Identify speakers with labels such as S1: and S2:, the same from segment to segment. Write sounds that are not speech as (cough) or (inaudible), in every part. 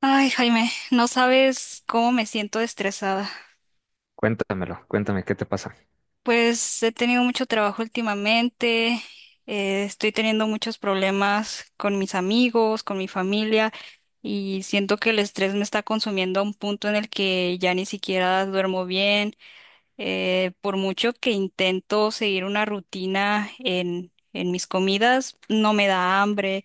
S1: Ay, Jaime, no sabes cómo me siento estresada.
S2: Cuéntamelo, cuéntame qué te pasa.
S1: Pues he tenido mucho trabajo últimamente, estoy teniendo muchos problemas con mis amigos, con mi familia, y siento que el estrés me está consumiendo a un punto en el que ya ni siquiera duermo bien. Por mucho que intento seguir una rutina en mis comidas, no me da hambre.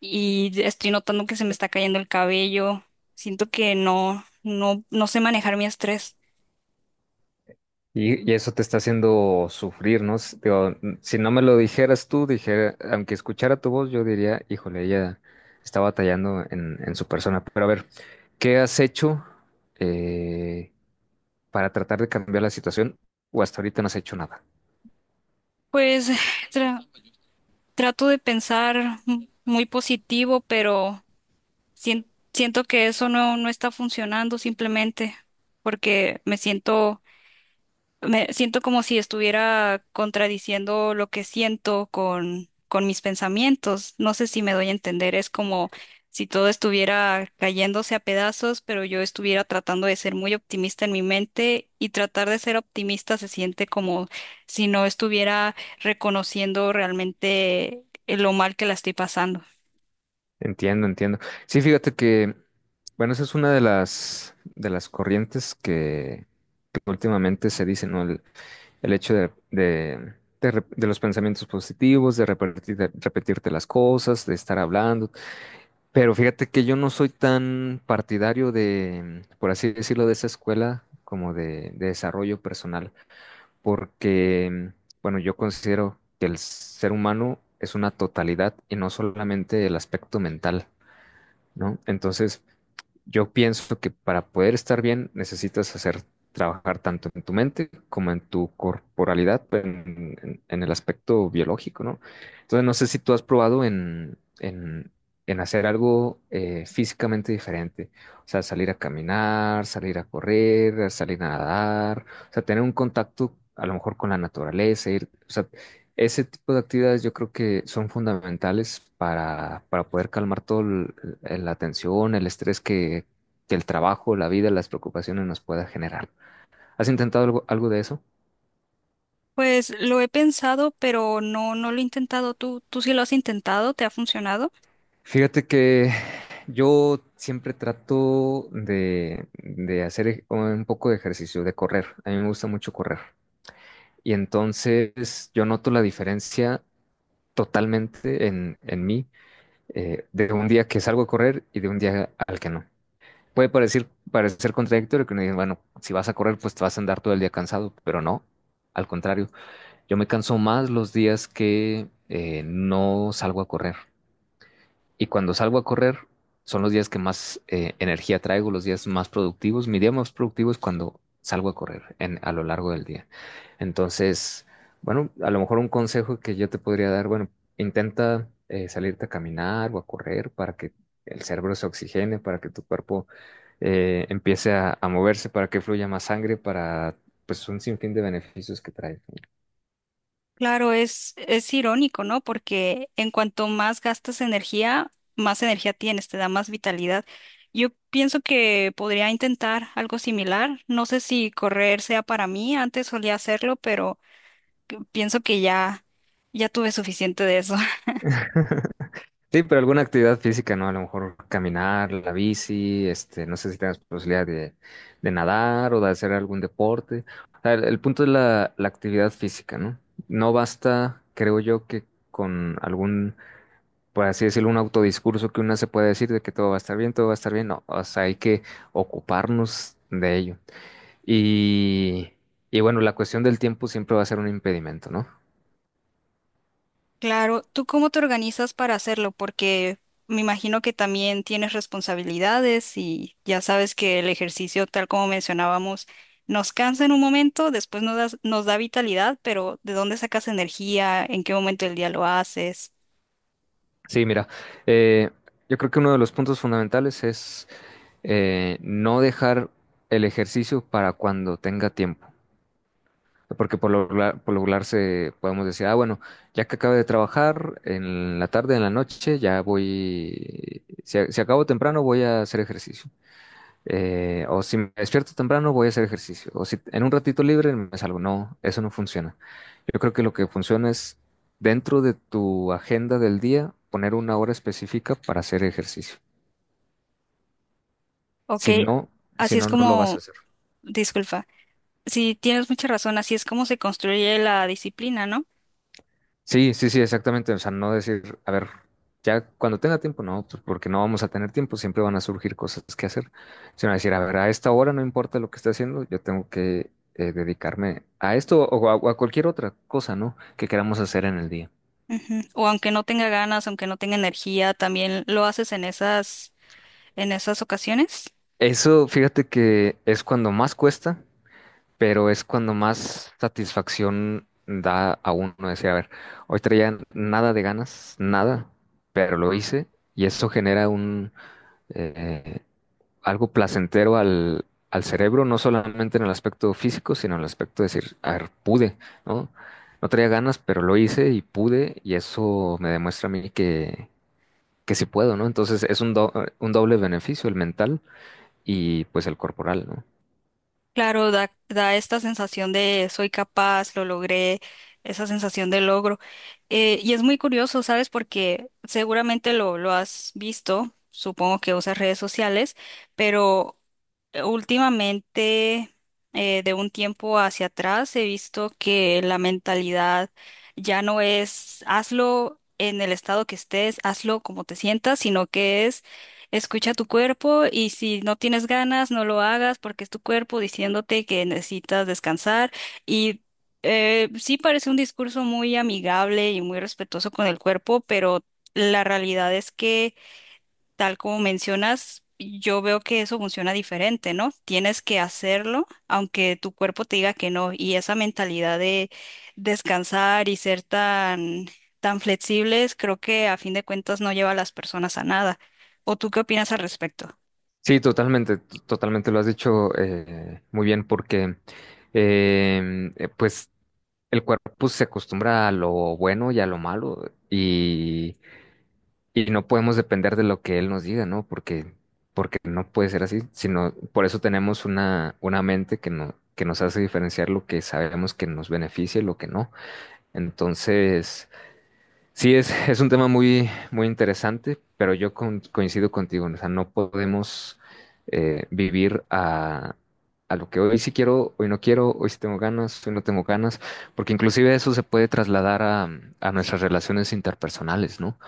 S1: Y estoy notando que se me está cayendo el cabello. Siento que no sé manejar mi estrés.
S2: Y eso te está haciendo sufrir, ¿no? Digo, si no me lo dijeras tú, dijera, aunque escuchara tu voz, yo diría, híjole, ella está batallando en su persona. Pero a ver, ¿qué has hecho eh, para tratar de cambiar la situación? O hasta ahorita no has hecho nada.
S1: Pues (sighs) tra- trato de pensar muy positivo, pero siento que eso no está funcionando simplemente porque me siento como si estuviera contradiciendo lo que siento con mis pensamientos. No sé si me doy a entender. Es como si todo estuviera cayéndose a pedazos, pero yo estuviera tratando de ser muy optimista en mi mente, y tratar de ser optimista se siente como si no estuviera reconociendo realmente lo mal que la estoy pasando.
S2: Entiendo, entiendo. Sí, fíjate que, bueno, esa es una de de las corrientes que últimamente se dicen, ¿no? El hecho de los pensamientos positivos, de repetir, de repetirte las cosas, de estar hablando. Pero fíjate que yo no soy tan partidario de, por así decirlo, de esa escuela como de desarrollo personal, porque, bueno, yo considero que el ser humano es una totalidad y no solamente el aspecto mental, ¿no? Entonces, yo pienso que para poder estar bien necesitas hacer trabajar tanto en tu mente como en tu corporalidad, en el aspecto biológico, ¿no? Entonces, no sé si tú has probado en hacer algo físicamente diferente, o sea, salir a caminar, salir a correr, salir a nadar, o sea, tener un contacto a lo mejor con la naturaleza, ir, o sea, ese tipo de actividades yo creo que son fundamentales para poder calmar la tensión, el estrés que el trabajo, la vida, las preocupaciones nos pueda generar. ¿Has intentado algo, algo de eso?
S1: Pues lo he pensado, pero no lo he intentado. ¿Tú sí lo has intentado? ¿Te ha funcionado?
S2: Fíjate que yo siempre trato de hacer un poco de ejercicio, de correr. A mí me gusta mucho correr. Y entonces yo noto la diferencia totalmente en mí de un día que salgo a correr y de un día al que no. Puede parecer, parecer contradictorio que uno dice, bueno, si vas a correr, pues te vas a andar todo el día cansado, pero no, al contrario, yo me canso más los días que no salgo a correr. Y cuando salgo a correr, son los días que más energía traigo, los días más productivos. Mi día más productivo es cuando salgo a correr en, a lo largo del día. Entonces, bueno, a lo mejor un consejo que yo te podría dar, bueno, intenta salirte a caminar o a correr para que el cerebro se oxigene, para que tu cuerpo empiece a moverse, para que fluya más sangre, para pues un sinfín de beneficios que trae.
S1: Claro, es irónico, ¿no? Porque en cuanto más gastas energía, más energía tienes, te da más vitalidad. Yo pienso que podría intentar algo similar. No sé si correr sea para mí, antes solía hacerlo, pero pienso que ya tuve suficiente de eso.
S2: Sí, pero alguna actividad física, ¿no? A lo mejor caminar, la bici, este, no sé si tengas posibilidad de nadar o de hacer algún deporte. O sea, el punto es la actividad física, ¿no? No basta, creo yo, que con algún, por así decirlo, un autodiscurso que uno se puede decir de que todo va a estar bien, todo va a estar bien. No, o sea, hay que ocuparnos de ello. Y, y bueno, la cuestión del tiempo siempre va a ser un impedimento, ¿no?
S1: Claro, ¿tú cómo te organizas para hacerlo? Porque me imagino que también tienes responsabilidades y ya sabes que el ejercicio, tal como mencionábamos, nos cansa en un momento, después nos da vitalidad, pero ¿de dónde sacas energía? ¿En qué momento del día lo haces?
S2: Sí, mira, eh, yo creo que uno de los puntos fundamentales es no dejar el ejercicio para cuando tenga tiempo. Porque por lo regular podemos decir, ah, bueno, ya que acabe de trabajar en la tarde, en la noche, ya voy, si, si acabo temprano voy a hacer ejercicio. O si me despierto temprano voy a hacer ejercicio. O si en un ratito libre me salgo. No, eso no funciona. Yo creo que lo que funciona es dentro de tu agenda del día poner una hora específica para hacer ejercicio.
S1: Ok,
S2: Si no, si
S1: así es
S2: no, no lo vas a
S1: como,
S2: hacer.
S1: disculpa, sí, tienes mucha razón, así es como se construye la disciplina, ¿no?
S2: Sí, sí, sí, exactamente. O sea, no decir, a ver, ya cuando tenga tiempo, no, pues porque no vamos a tener tiempo, siempre van a surgir cosas que hacer, sino decir, a ver, a esta hora no importa lo que esté haciendo, yo tengo que dedicarme a esto o o a cualquier otra cosa, ¿no? Que queramos hacer en el día.
S1: Ujú. O aunque no tenga ganas, aunque no tenga energía, también lo haces en en esas ocasiones.
S2: Eso, fíjate que es cuando más cuesta, pero es cuando más satisfacción da a uno decir, a ver, hoy traía nada de ganas, nada, pero lo hice y eso genera un eh, algo placentero al cerebro, no solamente en el aspecto físico, sino en el aspecto de decir, a ver, pude, ¿no? No traía ganas, pero lo hice y pude, y eso me demuestra a mí que sí puedo, ¿no? Entonces es un, un doble beneficio, el mental y pues el corporal, ¿no?
S1: Claro, da esta sensación de soy capaz, lo logré, esa sensación de logro. Y es muy curioso, ¿sabes? Porque seguramente lo has visto, supongo que usas redes sociales, pero últimamente, de un tiempo hacia atrás, he visto que la mentalidad ya no es hazlo en el estado que estés, hazlo como te sientas, sino que es escucha tu cuerpo, y si no tienes ganas, no lo hagas porque es tu cuerpo diciéndote que necesitas descansar. Y sí parece un discurso muy amigable y muy respetuoso con el cuerpo, pero la realidad es que, tal como mencionas, yo veo que eso funciona diferente, ¿no? Tienes que hacerlo aunque tu cuerpo te diga que no. Y esa mentalidad de descansar y ser tan flexibles, creo que a fin de cuentas no lleva a las personas a nada. ¿O tú qué opinas al respecto?
S2: Sí, totalmente, totalmente lo has dicho muy bien, porque pues el cuerpo se acostumbra a lo bueno y a lo malo, y no podemos depender de lo que él nos diga, ¿no? Porque, porque no puede ser así, sino por eso tenemos una mente que no, que nos hace diferenciar lo que sabemos que nos beneficia y lo que no. Entonces, sí, es, (laughs) es un tema muy, muy interesante, pero yo coincido contigo, ¿no? O sea, no podemos vivir a lo que hoy sí quiero, hoy no quiero, hoy sí tengo ganas, hoy no tengo ganas, porque inclusive eso se puede trasladar a nuestras relaciones interpersonales, ¿no?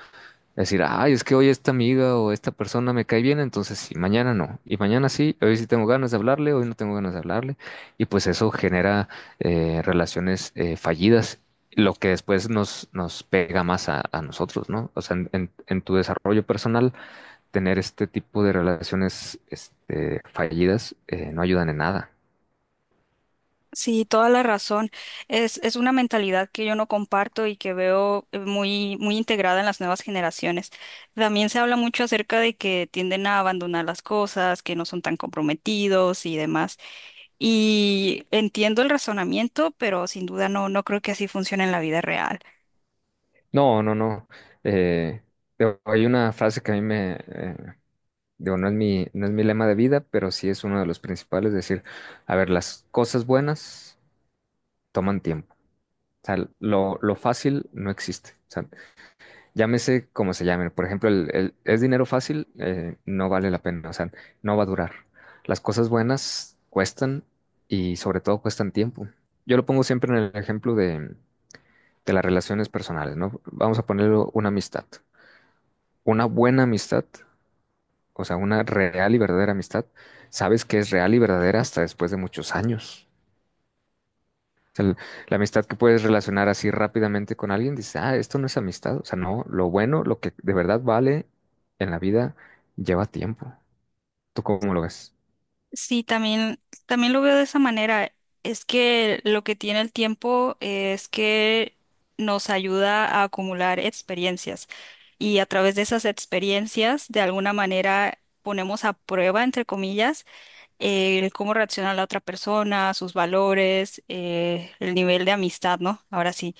S2: Decir, ay, es que hoy esta amiga o esta persona me cae bien, entonces sí, mañana no. Y mañana sí, hoy sí tengo ganas de hablarle, hoy no tengo ganas de hablarle. Y pues eso genera relaciones fallidas, lo que después nos, nos pega más a nosotros, ¿no? O sea, en tu desarrollo personal, tener este tipo de relaciones este, fallidas no ayudan en nada.
S1: Sí, toda la razón. Es una mentalidad que yo no comparto y que veo muy integrada en las nuevas generaciones. También se habla mucho acerca de que tienden a abandonar las cosas, que no son tan comprometidos y demás. Y entiendo el razonamiento, pero sin duda no creo que así funcione en la vida real.
S2: No, no, no. Eh, hay una frase que a mí me, digo, no es mi, no es mi lema de vida, pero sí es uno de los principales, decir, a ver, las cosas buenas toman tiempo. O sea, lo fácil no existe. O sea, llámese como se llame. Por ejemplo, es dinero fácil, no vale la pena. O sea, no va a durar. Las cosas buenas cuestan y sobre todo cuestan tiempo. Yo lo pongo siempre en el ejemplo de las relaciones personales, ¿no? Vamos a ponerlo una amistad. Una buena amistad, o sea, una real y verdadera amistad, sabes que es real y verdadera hasta después de muchos años. O sea, la amistad que puedes relacionar así rápidamente con alguien, dices, ah, esto no es amistad. O sea, no, lo bueno, lo que de verdad vale en la vida, lleva tiempo. ¿Tú cómo lo ves?
S1: Sí, también lo veo de esa manera. Es que lo que tiene el tiempo es que nos ayuda a acumular experiencias, y a través de esas experiencias, de alguna manera, ponemos a prueba, entre comillas, el cómo reacciona la otra persona, sus valores, el nivel de amistad, ¿no? Ahora sí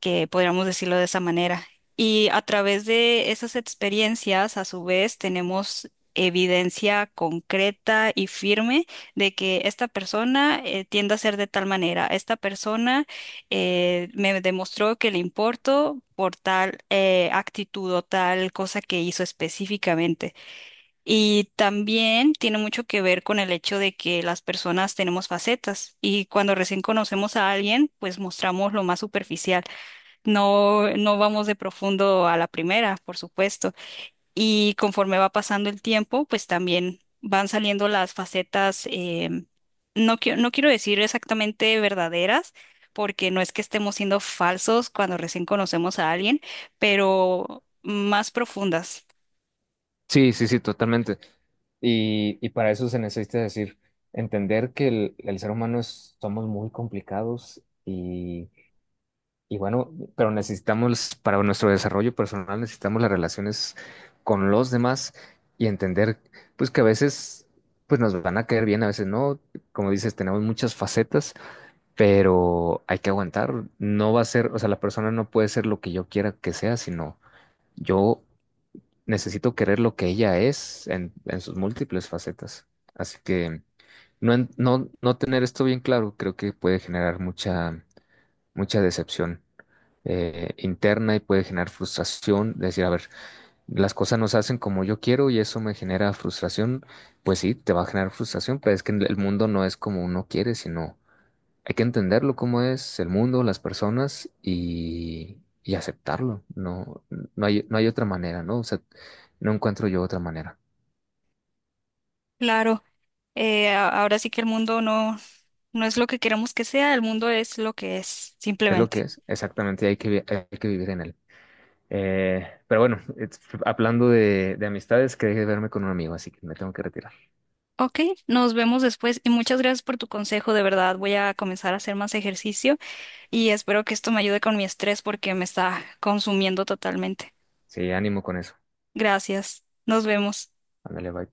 S1: que podríamos decirlo de esa manera. Y a través de esas experiencias, a su vez, tenemos evidencia concreta y firme de que esta persona tiende a ser de tal manera. Esta persona me demostró que le importo por tal actitud o tal cosa que hizo específicamente. Y también tiene mucho que ver con el hecho de que las personas tenemos facetas, y cuando recién conocemos a alguien, pues mostramos lo más superficial. No vamos de profundo a la primera, por supuesto. Y conforme va pasando el tiempo, pues también van saliendo las facetas, no quiero decir exactamente verdaderas, porque no es que estemos siendo falsos cuando recién conocemos a alguien, pero más profundas.
S2: Sí, sí, sí, totalmente. Y para eso se necesita decir, entender que el ser humano es- somos muy complicados y bueno, pero necesitamos, para nuestro desarrollo personal, necesitamos las relaciones con los demás y entender, pues que a veces, pues nos van a caer bien, a veces no. Como dices, tenemos muchas facetas, pero hay que aguantar. No va a ser, o sea, la persona no puede ser lo que yo quiera que sea, sino yo necesito querer lo que ella es en sus múltiples facetas. Así que no, no, no tener esto bien claro, creo que puede generar mucha, mucha decepción interna y puede generar frustración, decir, a ver, las cosas no se hacen como yo quiero y eso me genera frustración, pues sí, te va a generar frustración, pero es que el mundo no es como uno quiere, sino hay que entenderlo como es el mundo, las personas y aceptarlo, no, no hay, no hay otra manera, ¿no? O sea, no encuentro yo otra manera.
S1: Claro, ahora sí que el mundo no es lo que queremos que sea, el mundo es lo que es,
S2: Es lo que
S1: simplemente.
S2: es, exactamente, hay que, hay que vivir en él. Pero bueno, hablando de amistades, quería verme con un amigo, así que me tengo que retirar.
S1: Ok, nos vemos después y muchas gracias por tu consejo, de verdad voy a comenzar a hacer más ejercicio y espero que esto me ayude con mi estrés porque me está consumiendo totalmente.
S2: Sí, ánimo con eso.
S1: Gracias, nos vemos.
S2: Ándale, bye.